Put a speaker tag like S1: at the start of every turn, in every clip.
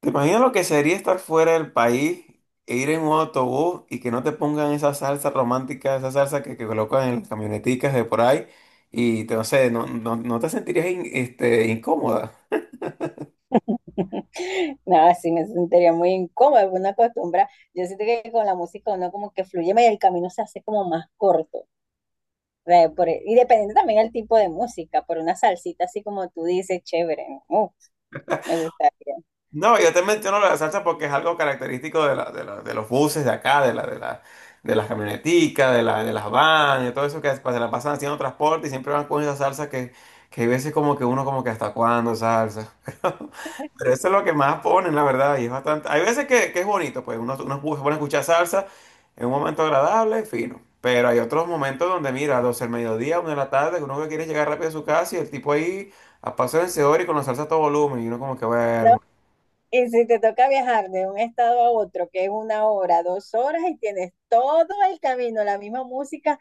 S1: ¿Te imaginas lo que sería estar fuera del país e ir en un autobús y que no te pongan esa salsa romántica, esa salsa que colocan en las camioneticas de por ahí? Y no sé, no te sentirías incómoda.
S2: Nada, sí me sentiría muy incómoda, una acostumbra. Yo siento que con la música uno como que fluye más y el camino se hace como más corto. O sea, y dependiendo también del tipo de música, por una salsita así como tú dices, chévere, ¿no? Me gustaría,
S1: No, yo te menciono la salsa porque es algo característico de los buses de acá, de las camioneticas, de las vans, de todo eso que se la pasan haciendo transporte y siempre van con esa salsa que hay veces como que uno como que hasta cuándo salsa. Pero eso es lo que más ponen, la verdad, y es bastante. Hay veces que es bonito, pues se pone a escuchar salsa en un momento agradable, fino. Pero hay otros momentos donde, mira, 12 del mediodía, 1 de la tarde, que uno que quiere llegar rápido a su casa y el tipo ahí a paso vencedor y con la salsa a todo volumen. Y uno como que,
S2: ¿no?
S1: bueno.
S2: Y si te toca viajar de un estado a otro, que es 1 hora, 2 horas, y tienes todo el camino, la misma música,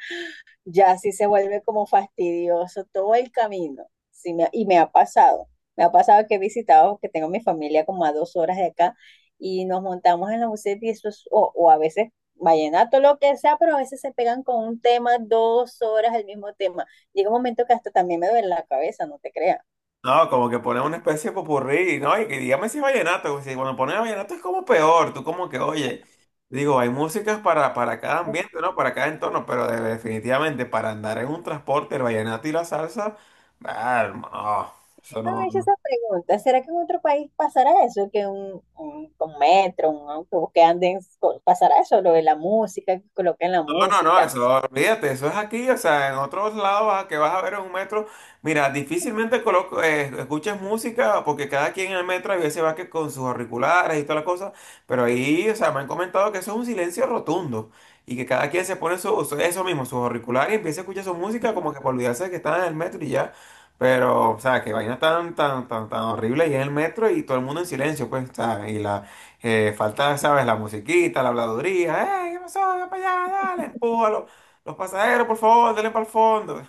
S2: ya sí se vuelve como fastidioso todo el camino. Sí, y me ha pasado que he visitado, que tengo mi familia como a 2 horas de acá y nos montamos en la buseta y eso es, o a veces vallenato, lo que sea, pero a veces se pegan con un tema 2 horas el mismo tema. Llega un momento que hasta también me duele la cabeza, no te creas.
S1: No, como que ponen una especie de popurrí, ¿no? Y que dígame si es vallenato, porque si cuando ponen vallenato es como peor, tú como que, oye, digo, hay músicas para cada ambiente, ¿no? Para cada entorno, pero definitivamente para andar en un transporte, el vallenato y la salsa, ah, hermano, oh, eso
S2: Siempre
S1: no.
S2: me he hecho
S1: No.
S2: esa pregunta, ¿será que en otro país pasará eso? Que un metro, un autobús que anden, pasará eso, lo de la música, que coloquen la
S1: No, no, no,
S2: música.
S1: eso, olvídate, eso es aquí, o sea, en otros lados a que vas a ver en un metro, mira, difícilmente coloco, escuchas música porque cada quien en el metro a veces va que con sus auriculares y toda la cosa, pero ahí, o sea, me han comentado que eso es un silencio rotundo y que cada quien se pone eso mismo, sus auriculares y empieza a escuchar su música como que para olvidarse de que están en el metro y ya, pero, o sea, que vaina tan horrible y en el metro y todo el mundo en silencio, pues, o sea, y la falta, ¿sabes? La musiquita, la habladuría. ¡Eh, qué pasó! ¡Ven para allá! ¡Dale! ¡Empújalo! Los pasajeros, por favor, denle para el fondo.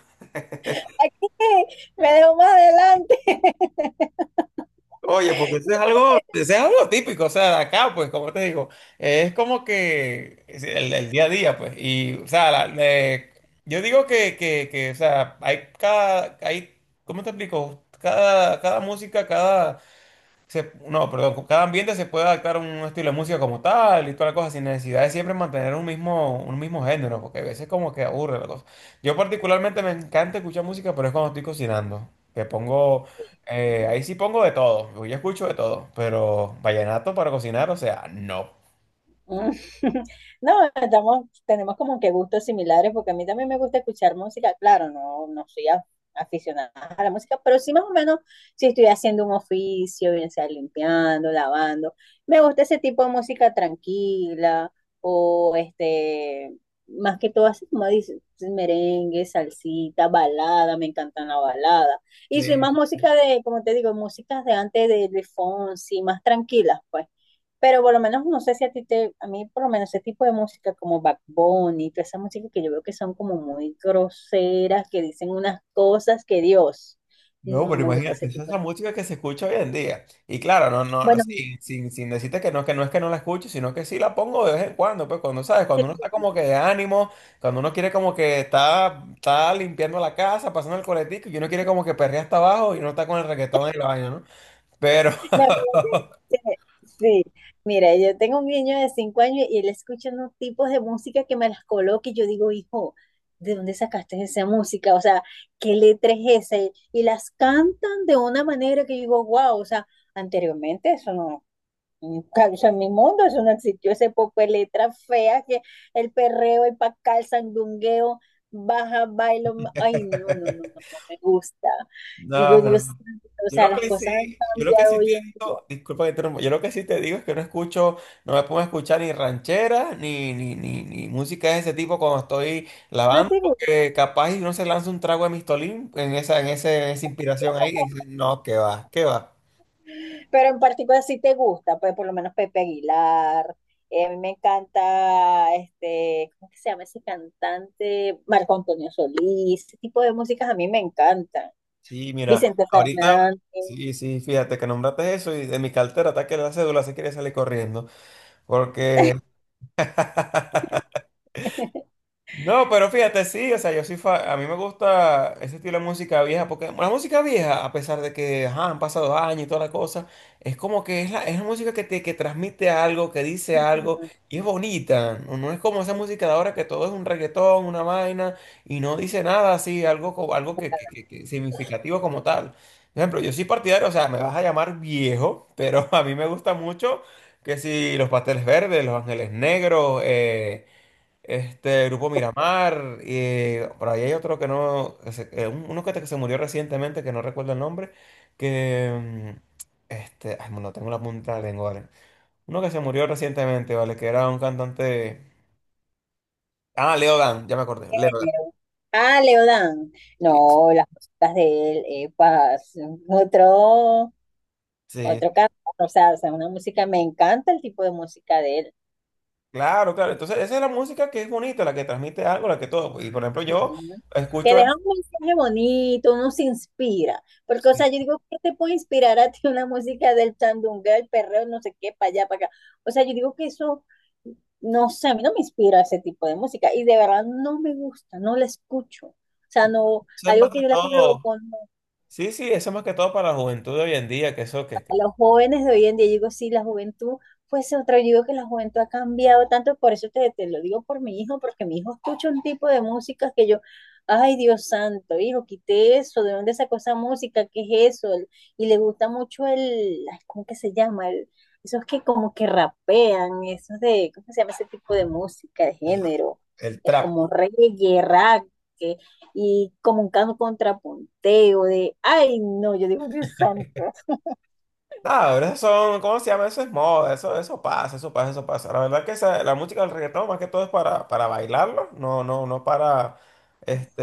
S2: Me dejo más adelante.
S1: Oye, porque eso es algo típico, o sea, de acá, pues, como te digo, es como que es el día a día, pues, y, o sea, yo digo o sea, hay, ¿cómo te explico? Cada música, cada se- no, perdón, con cada ambiente se puede adaptar a un estilo de música como tal y toda la cosa, sin necesidad de siempre mantener un mismo género, porque a veces como que aburre la cosa. Yo particularmente me encanta escuchar música, pero es cuando estoy cocinando, que pongo, ahí sí pongo de todo, yo escucho de todo, pero vallenato para cocinar, o sea, no.
S2: No, estamos, tenemos como que gustos similares porque a mí también me gusta escuchar música. Claro, no, no soy aficionada a la música, pero sí más o menos si estoy haciendo un oficio, bien sea limpiando, lavando, me gusta ese tipo de música tranquila o este, más que todo así como dices, merengue, salsita, balada, me encantan la balada. Y soy más música de, como te digo, músicas de antes de Fonsi, más tranquilas, pues. Pero por lo menos no sé si a ti te, a mí por lo menos ese tipo de música como Backbone y toda esa música que yo veo que son como muy groseras, que dicen unas cosas que Dios,
S1: No,
S2: no
S1: pero
S2: me gusta
S1: imagínate,
S2: ese
S1: esa es
S2: tipo
S1: la
S2: de...
S1: música que se escucha hoy en día. Y claro, no,
S2: Bueno,
S1: sin decirte que no es que no la escucho, sino que sí la pongo de vez en cuando, pues cuando sabes, cuando uno está como que de ánimo, cuando uno quiere como que está limpiando la casa, pasando el coletico, y uno quiere como que perrea hasta abajo y uno está con el reggaetón en el baño, ¿no? Pero,
S2: la verdad es sí, mira, yo tengo un niño de 5 años y él escucha unos tipos de música que me las coloca y yo digo, hijo, ¿de dónde sacaste esa música? O sea, ¿qué letra es esa? Y las cantan de una manera que yo digo, wow, o sea, anteriormente eso no, claro, en mi mundo eso no existió, ese poco de letras feas, que el perreo, el pacal, el sandungueo, baja, bailo, ay, no, no, no, no, no me gusta. Digo,
S1: no,
S2: Dios,
S1: no.
S2: santo, o
S1: Yo
S2: sea,
S1: lo
S2: las
S1: que
S2: cosas han
S1: sí,
S2: cambiado hoy en día.
S1: disculpa que te interrumpa, yo lo que sí te digo es que no escucho, no me pongo a escuchar ni rancheras, ni música de ese tipo cuando estoy
S2: No
S1: lavando,
S2: te gusta,
S1: porque capaz y uno se lanza un trago de Mistolín en esa, en esa inspiración ahí, y dice, no, qué va, qué va.
S2: pero en particular sí te gusta, pues por lo menos Pepe Aguilar. A mí me encanta, este, ¿cómo que se llama ese cantante? Marco Antonio Solís, ese tipo de músicas a mí me encantan.
S1: Sí, mira,
S2: Vicente
S1: ahorita,
S2: Fernández.
S1: sí, sí, fíjate que nombraste eso y de mi cartera está que la cédula se quiere salir corriendo, porque… No, pero fíjate, sí, o sea, yo sí, a mí me gusta ese estilo de música vieja, porque la música vieja, a pesar de que ajá, han pasado años y toda la cosa, es como que es la música que transmite algo, que dice algo, y es bonita, no, no es como esa música de ahora que todo es un reggaetón, una vaina, y no dice nada así, algo, algo que, que significativo como tal. Por ejemplo, yo soy partidario, o sea, me vas a llamar viejo, pero a mí me gusta mucho que si los pasteles verdes, los ángeles negros, este Grupo Miramar, y por ahí hay otro que no, uno que se murió recientemente, que no recuerdo el nombre, que, mm, ay, no tengo la punta de la lengua, ¿vale? Uno que se murió recientemente, ¿vale? Que era un cantante, ah, Leo Dan, ya me acordé,
S2: ¿Qué
S1: Leo Dan,
S2: género? Ah, Leodán.
S1: sí,
S2: No, las músicas de él, epa, son otro,
S1: sí,
S2: otro canto. O sea, una música, me encanta el tipo de música de él.
S1: claro, claro, entonces esa es la música que es bonita, la que transmite algo, la que todo, pues, y por ejemplo yo
S2: Ujú. Que
S1: escucho, eso
S2: deja un mensaje bonito, uno se inspira. Porque, o
S1: sí,
S2: sea, yo digo, ¿qué te puede inspirar a ti una música del chandunga, el perreo, no sé qué, para allá, para acá? O sea, yo digo que eso, no sé, a mí no me inspira ese tipo de música. Y de verdad no me gusta, no la escucho. O sea, no,
S1: eso es más
S2: algo que
S1: que
S2: yo la
S1: todo,
S2: coloco,
S1: sí, sí, eso es más que todo para la juventud de hoy en día, que eso,
S2: a
S1: que
S2: los jóvenes de hoy en día, yo digo, sí, la juventud, pues otra, yo digo que la juventud ha cambiado tanto, por eso te lo digo por mi hijo, porque mi hijo escucha un tipo de música que yo, ay Dios santo, hijo, quité eso, ¿de dónde sacó esa música? ¿Qué es eso? Y le gusta mucho el, ay, ¿cómo que se llama? Esos que como que rapean, esos de, ¿cómo se llama ese tipo de música, de género?
S1: el
S2: Es
S1: trap.
S2: como reggae, rap, que- y como un canto contrapunteo de, ay no, yo digo Dios santo.
S1: Ah, pero son, ¿cómo se llama? Eso es moda, eso pasa, eso pasa. La verdad que la música del reggaetón más que todo es para bailarlo, no para,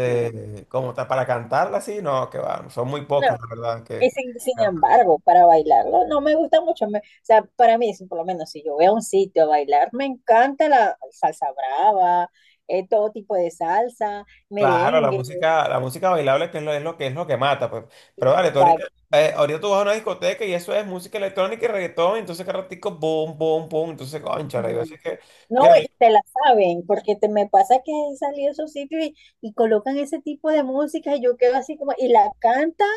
S2: Sí.
S1: como tal, para cantarla así, no, que va, son muy
S2: No,
S1: pocas, la verdad,
S2: y sin embargo, para bailarlo no me gusta mucho. O sea, para mí, si por lo menos si yo voy a un sitio a bailar, me encanta la salsa brava, todo tipo de salsa,
S1: claro,
S2: merengue,
S1: la música bailable que es lo que mata, pues. Pero vale, tú ahorita,
S2: exacto.
S1: ahorita tú vas a una discoteca y eso es música electrónica y reggaetón, entonces cada ratico, boom, boom, boom, entonces, concha, yo sé que,
S2: No,
S1: mira…
S2: y te la saben, porque te me pasa que he salido a esos sitios y colocan ese tipo de música y yo quedo así como, y la cantan.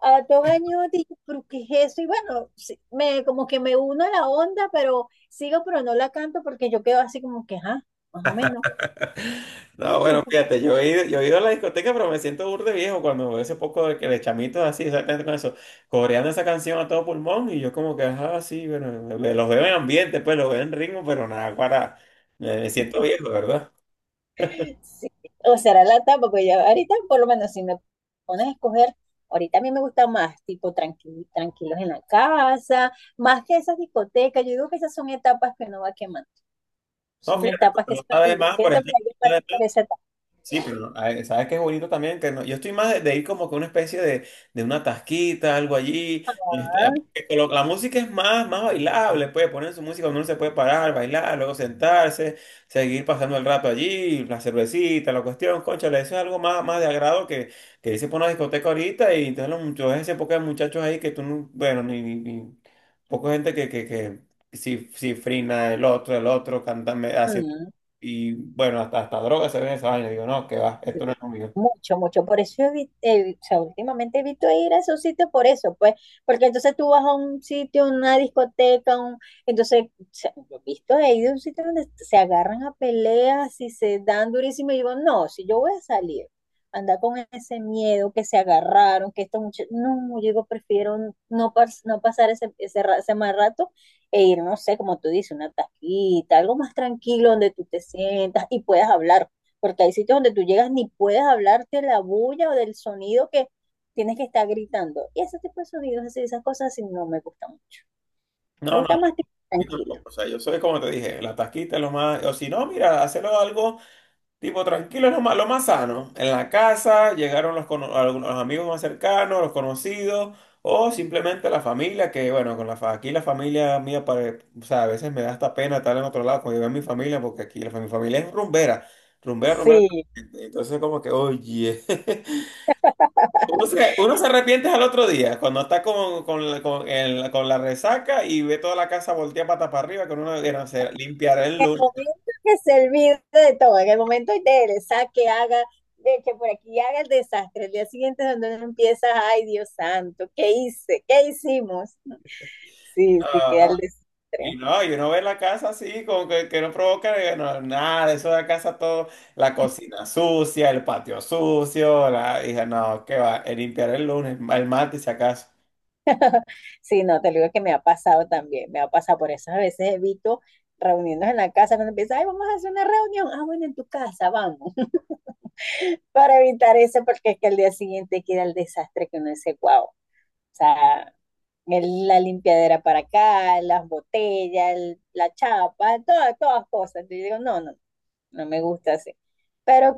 S2: A 2 años es eso y bueno, sí, me, como que me uno a la onda, pero sigo, pero no la canto porque yo quedo así como que, ajá, más o menos.
S1: No, bueno, fíjate, yo he ido a la discoteca, pero me siento burde viejo cuando veo ese poco de, que de chamitos así, exactamente con eso, coreando esa canción a todo pulmón, y yo como que, ajá, sí, bueno, los veo en ambiente, pues los veo en ritmo, pero nada, para, me siento viejo, ¿verdad?
S2: Sí. O será la etapa, porque ya ahorita por lo menos si me pones a escoger, ahorita a mí me gusta más, tipo tranquilos en la casa, más que esas discotecas. Yo digo que esas son etapas que no va quemando,
S1: No,
S2: son
S1: fíjate,
S2: etapas que
S1: pero no sabes
S2: y
S1: más, por
S2: siento que
S1: ejemplo…
S2: yo pasé por esa etapa.
S1: Sí, pero ay, sabes qué es bonito también que no- yo estoy más de ir como que una especie de una tasquita, algo allí. La música es más, más bailable, puede poner su música, uno se puede parar, bailar, luego sentarse, seguir pasando el rato allí, la cervecita, la cuestión, cónchale, eso es algo más, más de agrado que irse por una discoteca ahorita y entonces los muchachos, ese poco de muchachos ahí que tú, poca gente que si, si frina el otro, cantando, y bueno, hasta droga se ve esa vaina. Digo, no, que va,
S2: Sí,
S1: esto no es lo mío.
S2: mucho, mucho. Por eso o sea, últimamente evito ir a esos sitios por eso, pues, porque entonces tú vas a un sitio, una discoteca, un, entonces, o sea, yo he visto he ido a un sitio donde se agarran a peleas y se dan durísimo y digo, no, si yo voy a salir, anda con ese miedo que se agarraron, que esto mucho, no, yo digo, prefiero no, no pasar ese mal rato e ir, no sé, como tú dices, una taquita, algo más tranquilo donde tú te sientas y puedas hablar porque hay sitios donde tú llegas ni puedes hablarte la bulla o del sonido que tienes que estar gritando. Y ese tipo de sonidos, así, esas cosas así, no me gustan mucho. Me
S1: No, no,
S2: gusta más tipo
S1: yo
S2: tranquilo.
S1: tampoco. O sea, yo soy como te dije, la tasquita es lo más. O si no, mira, hacerlo algo tipo tranquilo, es lo más sano. En la casa llegaron algunos los amigos más cercanos, los conocidos, o simplemente la familia, que bueno, con aquí la familia mía, o sea, a veces me da hasta pena estar en otro lado cuando yo veo a mi familia, porque aquí mi familia es rumbera, rumbera, rumbera.
S2: Sí,
S1: Entonces, como que, oye. Uno se arrepiente al otro día, cuando está con la resaca y ve toda la casa volteada pata para arriba, que uno quiere hacer, limpiar el
S2: en el
S1: lunes.
S2: momento que se olvide de todo, en el momento de él, saque, haga, de que por aquí haga el desastre, el día siguiente es donde empiezas, ay Dios santo, ¿qué hice? ¿Qué hicimos? Sí, sí, queda
S1: Ah,
S2: el
S1: y
S2: desastre.
S1: no, y uno ve la casa así, como que no provoca no, nada, de eso de la casa todo, la cocina sucia, el patio sucio, la, dije, no, qué va, limpiar el lunes, el martes si acaso.
S2: Sí, no, te lo digo que me ha pasado también, me ha pasado por eso. A veces evito reunirnos en la casa cuando empieza, ay, vamos a hacer una reunión, ah, bueno, en tu casa, vamos, para evitar eso, porque es que al día siguiente queda el desastre que uno dice, wow, o sea, la limpiadera para acá, las botellas, la chapa, todas cosas. Yo digo, no, no, no me gusta así. Pero